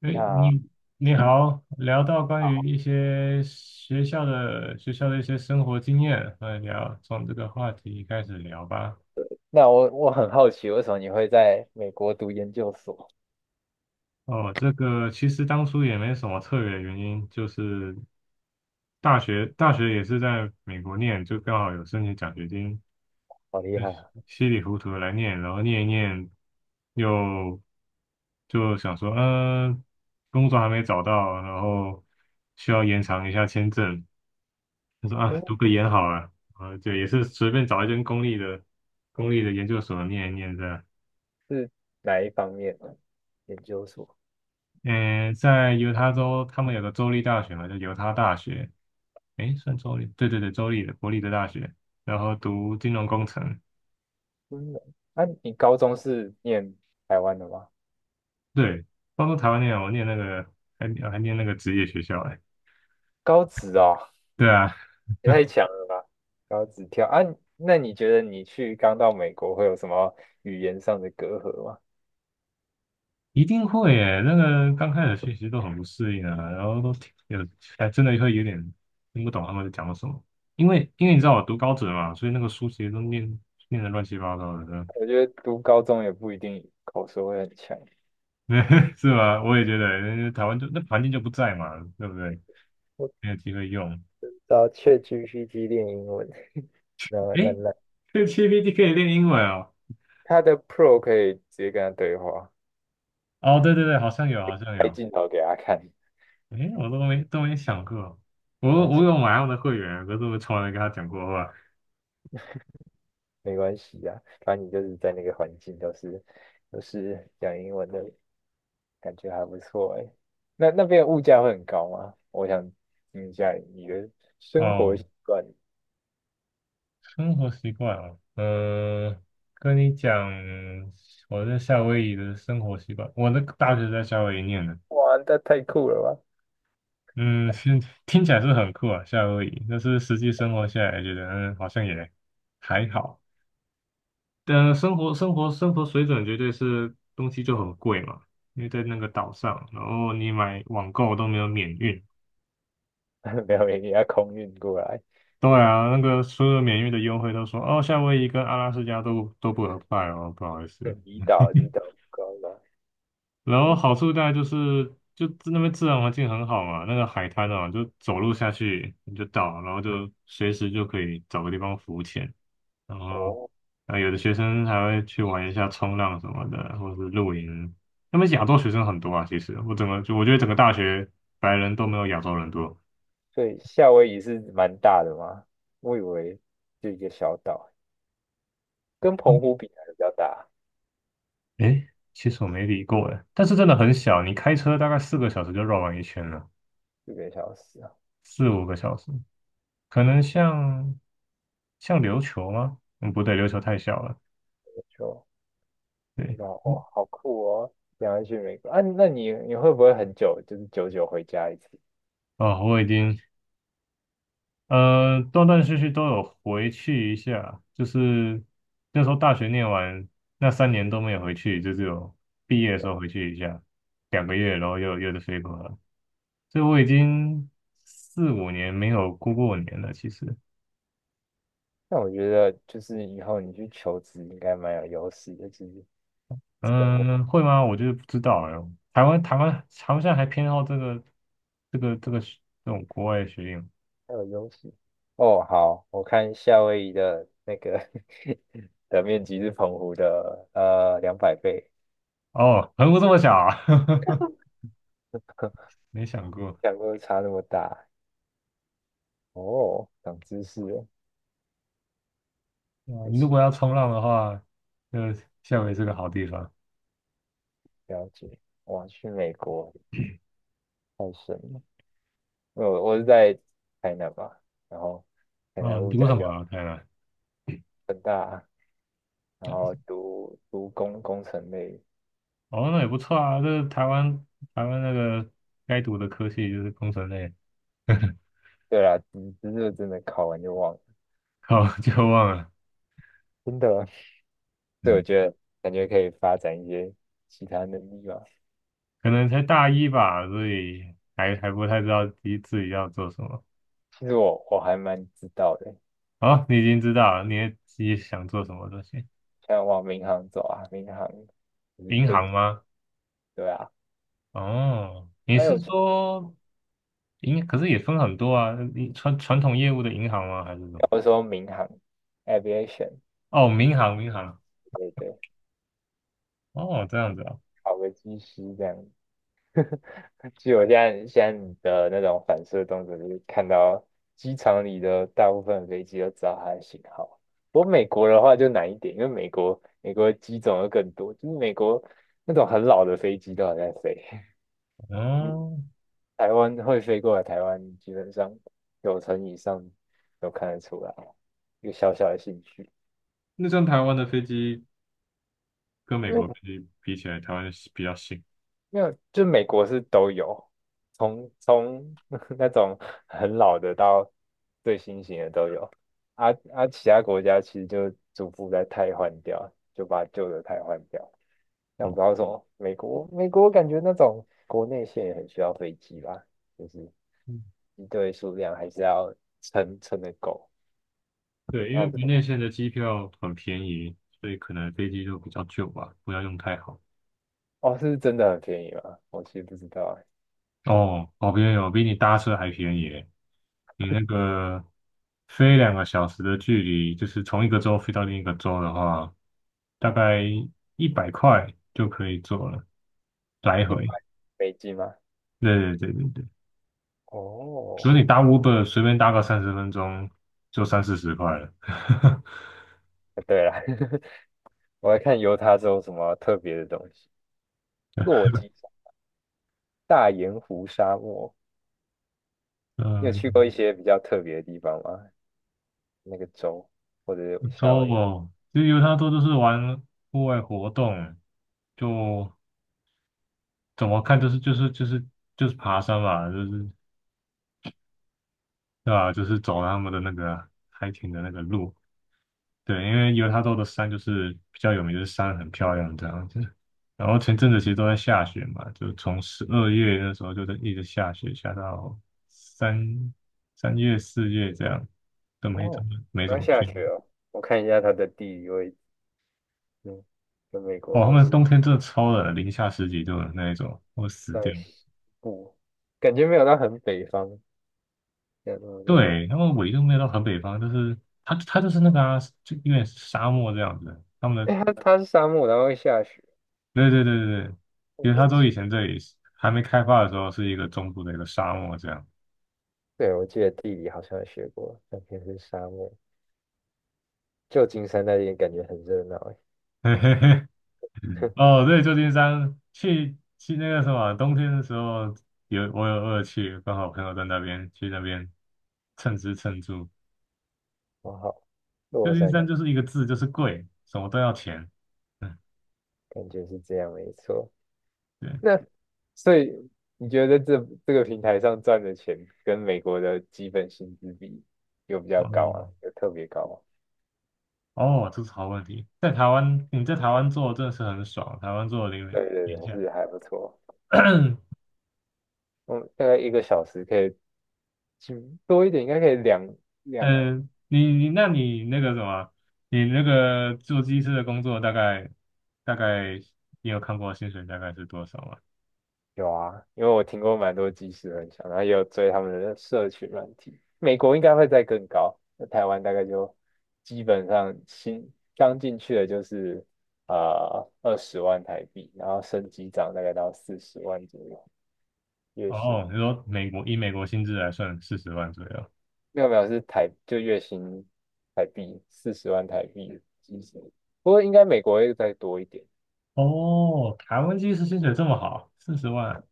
哎，那你好，聊到关于一些学校的一些生活经验，来聊，从这个话题开始聊吧。那我很好奇，为什么你会在美国读研究所？哦，这个其实当初也没什么特别的原因，就是大学也是在美国念，就刚好有申请奖学金，好厉害啊！稀里糊涂的来念，然后念一念，又就想说，工作还没找到，然后需要延长一下签证，他说啊，哦，读个研好了，啊，就也是随便找一间公立的研究所念一念这样。是哪一方面的研究所？嗯，在犹他州，他们有个州立大学嘛，叫犹他大学，诶，算州立，对对对，州立的国立的大学，然后读金融工程。嗯，啊，你高中是念台湾的吗？对，包括台湾念，我念那个还念那个职业学校，诶，高职哦，对啊，也太强了吧！高职跳啊，那你觉得你去刚到美国会有什么语言上的隔阂吗？一定会诶，那个刚开始学习都很不适应啊，然后都听有还真的会有点听不懂他们在讲什么，因为你知道我读高职嘛，所以那个书其实都念的乱七八糟的。我觉得读高中也不一定口说会很强。是吧？我也觉得，因为台湾就那环境就不在嘛，对不对？我没有机会用。找 ChatGPT 练英文，然后诶，烂烂。这个 GPT 可以练英文哦。他的 Pro 可以直接跟他对话，哦，对对对，好像有，好像开有。镜头给他看。诶，我都没想过，我反正我有买他们的会员，可是我从来没跟他讲过话。没关系呀、啊反正你就是在那个环境都是讲英文的，感觉还不错哎。那边物价会很高吗？我想听一下你的生活哦，习惯。生活习惯啊，跟你讲，我在夏威夷的生活习惯。我的大学在夏威夷念的。哇，那太酷了吧！嗯，是听起来是很酷啊，夏威夷。但是实际生活下来，觉得好像也还好。但生活水准绝对是东西就很贵嘛，因为在那个岛上，然后你买网购都没有免运。没有，你要空运过来。对啊，那个所有免运的优惠都说哦，夏威夷跟阿拉斯加都不 apply 哦，不好意思。嗯离岛不高了。然后嗯好处大概就是，就那边自然环境很好嘛，那个海滩啊，就走路下去你就到，然后就随时就可以找个地方浮潜，然后，哦，啊，有的学生还会去玩一下冲浪什么的，或者是露营。那边亚洲学生很多啊，其实我整个就我觉得整个大学白人都没有亚洲人多。对，夏威夷是蛮大的吗？我以为就一个小岛，跟澎湖比还是比较大，诶，其实我没理过诶，但是真的很小，你开车大概4个小时就绕完一圈了，这个小时啊，4、5个小时。可能像琉球吗？嗯，不对，琉球太小了。就知对。道哦，好酷哦！想要去美国啊？那你会不会很久，就是久久回家一次？哦，我已经断断续续都有回去一下，就是那时候大学念完那3年都没有回去，就只有毕业的时候回去一下2个月，然后又得飞回来，所以我已经4、5年没有过过年了。其实，那我觉得就是以后你去求职应该蛮有优势的，其实生活嗯，会吗？我就是不知道哎。台湾好像还偏好这种国外的学历。蛮有优势。哦，好，我看夏威夷的那个 的面积是澎湖的200倍，哦，横幅这么小啊，没想过。两个差那么大哦，长知识了，啊，还你如行，果要冲浪的话，就夏威夷是个好地方。了解。哇，去美国太神了。我是在台南嘛，然后台哦，南你物读价什么就啊？台南？很大，然后读工程类，哦，那也不错啊。这台湾台湾该读的科系就是工程类。对啦，只是真的考完就忘了，好，就忘了。真的，所以我嗯，觉得感觉可以发展一些其他能力吧。可能才大一吧，所以还不太知道自己要做什么。其实我还蛮知道的，哦，你已经知道了，你也自己想做什么东西？像往民航走啊，民航就是银飞机，行吗？对啊，哦，你还是有说？银可是也分很多啊，你传统业务的银行吗？还是什么？我说民航 aviation，哦，民航，民航。对对，哦，这样子啊。考个机师这样，据我现在你的那种反射动作，就是看到机场里的大部分飞机都知道它的型号。不过美国的话就难一点，因为美国机种又更多，就是美国那种很老的飞机都还在飞。你哦，台湾会飞过来，台湾基本上九成以上都看得出来，一个小小的兴趣。那这样台湾的飞机跟美因国为飞机比起来，台湾是比较新。没有，就美国是都有，从 那种很老的到最新型的都有，其他国家其实就逐步在汰换掉，就把旧的汰换掉。但我不知道为什么，美国感觉那种国内线也很需要飞机吧，就是嗯，一堆数量还是要撑得够。对，因然为后国内线的机票很便宜，所以可能飞机就比较旧吧，不要用太好。哦，是真的很便宜吗？我其实不知道欸，哦，哦，便宜哦，比你搭车还便宜耶。你那个飞2个小时的距离，就是从一个州飞到另一个州的话，大概100块就可以坐了。来一百回，美金吗？对对对对对，所以哦，你搭 Uber 随便搭个30分钟就30、40块了。对了。我来看犹他州什么特别的东西。落基山大盐湖沙漠，你有去嗯，过一些比较特别的地方吗？那个州或者是不夏错威夷？哦。其实犹他州就是玩户外活动，就怎么看就是爬山嘛，就是对吧？就是走他们的那个 hiking 的那个路。对，因为犹他州的山就是比较有名，就是山很漂亮这样子。然后前阵子其实都在下雪嘛，就从12月那时候就在一直下雪，下到三三月四月这样，都没怎哦，么没怎刚么去。下雪哦。我看一下它的地理位置，嗯，跟美国哦，他不们是冬天真的超冷，零下十几度的那一种，会死掉。在西部，感觉没有到很北方，没有那么热。对，他们纬度没有到很北方，就是他就是那个啊，就有点沙漠这样子。他们的哎，它是沙漠，然后会下雪，对对对对对，好因为他神州奇。以前这里是还没开发的时候是一个中部的一个沙漠这样。对，我记得地理好像有学过，那边是沙漠。旧金山那边感觉很热闹，哎，嘿嘿嘿，哦，对，旧金山去那个什么，冬天的时候有我有我有去，刚好朋友在那边去那边蹭吃蹭住。哇好，旧洛金杉山。山就是一个字，就是贵，什么都要钱。嗯，感觉是这样，没错。对，所以你觉得这个平台上赚的钱跟美国的基本薪资比有比较高嗯，啊？有特别高吗？哦，这是好问题。在台湾，你在台湾做真的是很爽，台湾做的零对对零下。对，是还不错。嗯，大概一个小时可以，多一点，应该可以两嗯，你那个什么，你那个做技师的工作大概大概，你有看过薪水大概是多少吗？有啊，因为我听过蛮多即时分享，然后也有追他们的社群软体。美国应该会再更高，那台湾大概就基本上新刚进去的就是20万台币，然后升级涨大概到四十万左右月薪。哦，你说美国以美国薪资来算四十万左右？没有没有是台就月薪台币四十万台币即时，不过应该美国会再多一点，哦，台湾技师薪水这么好，四十万，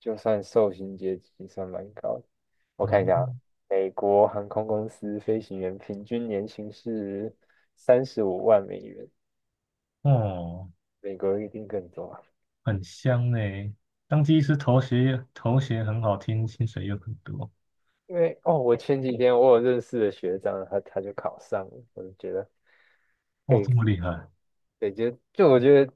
就算受薪阶级算蛮高的。我哦，看一下啊，美国航空公司飞行员平均年薪是35万美元，哦，美国一定更多啊。很香呢。当技师头衔很好听，薪水又很多。因为哦，我前几天我有认识的学长，他就考上了，我就觉得哇，佩这么服。厉害。对，就我觉得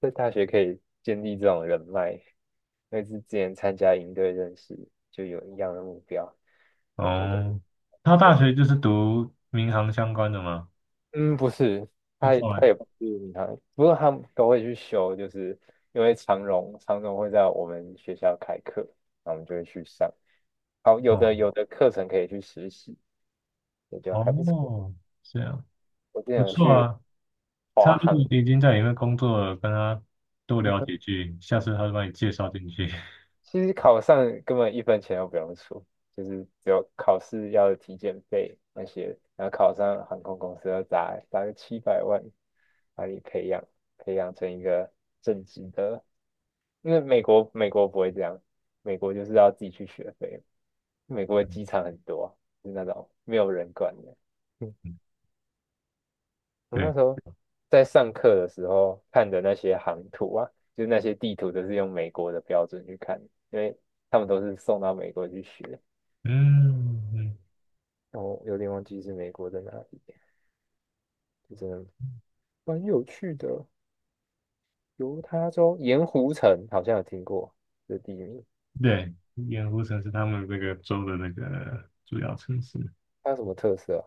在大学可以建立这种人脉，因为是之前参加营队认识，就有一样的目标，感觉就不哦，他大错。学就是读民航相关的吗？嗯，不是，就他也后来，他也不是民航，不过他们都会去修，就是因为长荣会在我们学校开课，那我们就会去上。好，有的哦，有的课程可以去实习，也就还不错。哦，这样我之前不有错去啊。他华如果航已经在里面工作了，跟他多聊几句，下次他就把你介绍进去。其实考上根本一分钱都不用出，就是只有考试要的体检费那些，然后考上航空公司要砸个700万，把你培养成一个正职的。因为美国不会这样，美国就是要自己去学费，美国的机场很多啊，就是那种没有人管的。我那对，时候在上课的时候看的那些航图啊，就是那些地图都是用美国的标准去看，因为他们都是送到美国去学。嗯。嗯，然有点忘记是美国在哪里，就真的蛮有趣的。犹他州盐湖城好像有听过这地名，对，盐湖城是他们这个州的那个主要城市。它有什么特色啊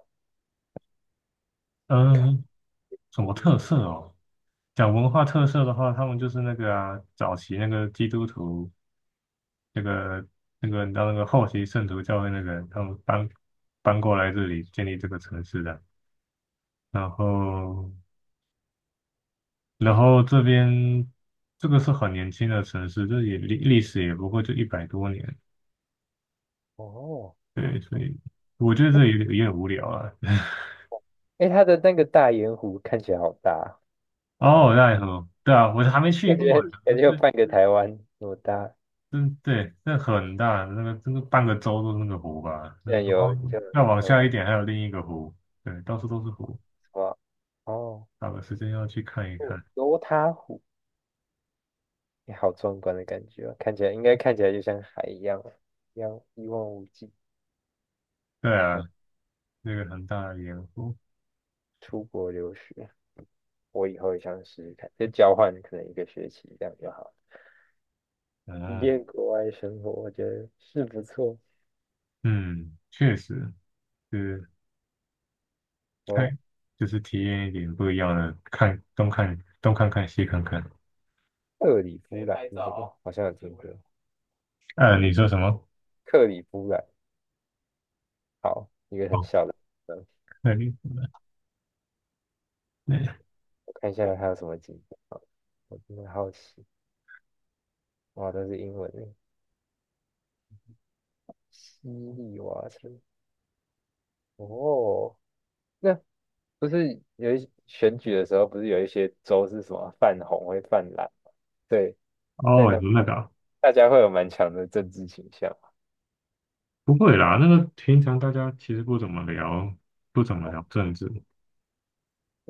嗯，什么湖特色哦？讲文化特色的话，他们就是那个啊，早期那个基督徒，那个那个，你知道那个后期圣徒教会那个，他们搬过来这里建立这个城市的。然后，然后这边这个是很年轻的城市，这也历史也不过就100多年。哦，对，所以我觉得这有点有点无聊啊。哎，它的那个大盐湖看起来好大啊，对啊哦，奈何，对啊，我还没去感过，觉感这觉有半个台湾那么大，真对，那很大，那个真的半个州都是那个湖吧。那居然然有后就再往有下一点还有另一个湖，对，到处都是湖，哇哦。找个时间要去看一哦，看。犹他湖，你好壮观的感觉哦，看起来就像海一样一望无际。对啊，好，那个很大的盐湖。出国留学，我以后也想试试看，就交换可能一个学期这样就好了，体啊，验国外生活，我觉得是不错。嗯，确实是开，哦，就是体验一点不一样的，看东看看西看看。克里夫兰，你好好像有听过，呃，你嗯说什么？克里夫兰，好，一个很哦，小的地方，那里，那我看一下还有什么景点。好我真的好奇，哇，都是英文的，西里瓦城，哦。那。不是有一选举的时候，不是有一些州是什么泛红会泛蓝？对，在哦，那那个啊大家会有蛮强的政治倾向嘛不会啦，那个平常大家其实不怎么聊，不怎么哦，聊政治。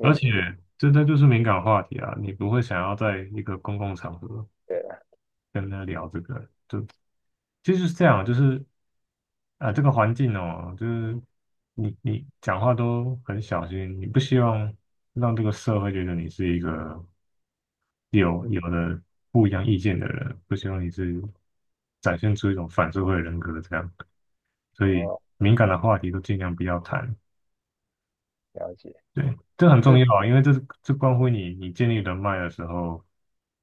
而且嗯这就是敏感话题啊，你不会想要在一个公共场合对了，跟他聊这个，就其实是这样，就是这个环境哦，就是你讲话都很小心，你不希望让这个社会觉得你是一个有不一样意见的人，不希望你是展现出一种反社会人格这样，所以哦，敏感的话题都尽量不要谈。了解，对，这很嗯，重要啊，因为这关乎你建立人脉的时候，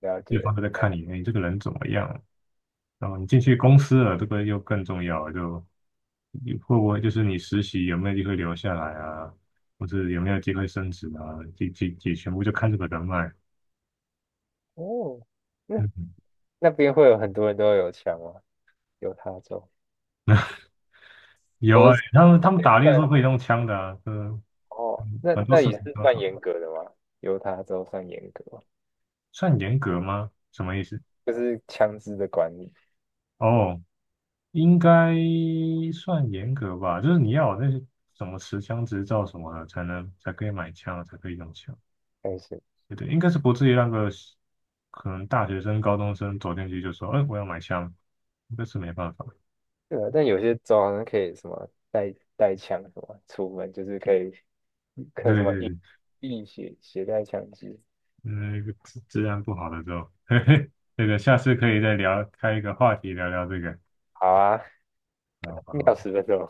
了对解，方都在看你，哎，这个人怎么样？然后你进去公司了，这个又更重要了就你会不会就是你实习有没有机会留下来啊，或者有没有机会升职啊？这全部就看这个人脉。哦，那嗯，那边会有很多人都有枪吗？犹他州，有啊，我是他们打猎办都可以用枪的啊。嗯，哦，那很多那视也频是都是算严格的吗？犹他州算严格吗算严格吗？什么意思？就是枪支的管理，哦，应该算严格吧，就是你要有那些什么持枪执照什么的，才可以买枪，才可以用枪。还是？对对，应该是不至于让个可能大学生、高中生走进去就说：“哎，我要买枪。”那是没办法。对啊，但有些州好像可以什么带枪什么出门，就是可以可什对么对硬对，硬携带枪支。嗯，治安不好的时候，嘿嘿，这个下次可以再聊，开一个话题聊聊这个。好啊，然后。妙死分钟。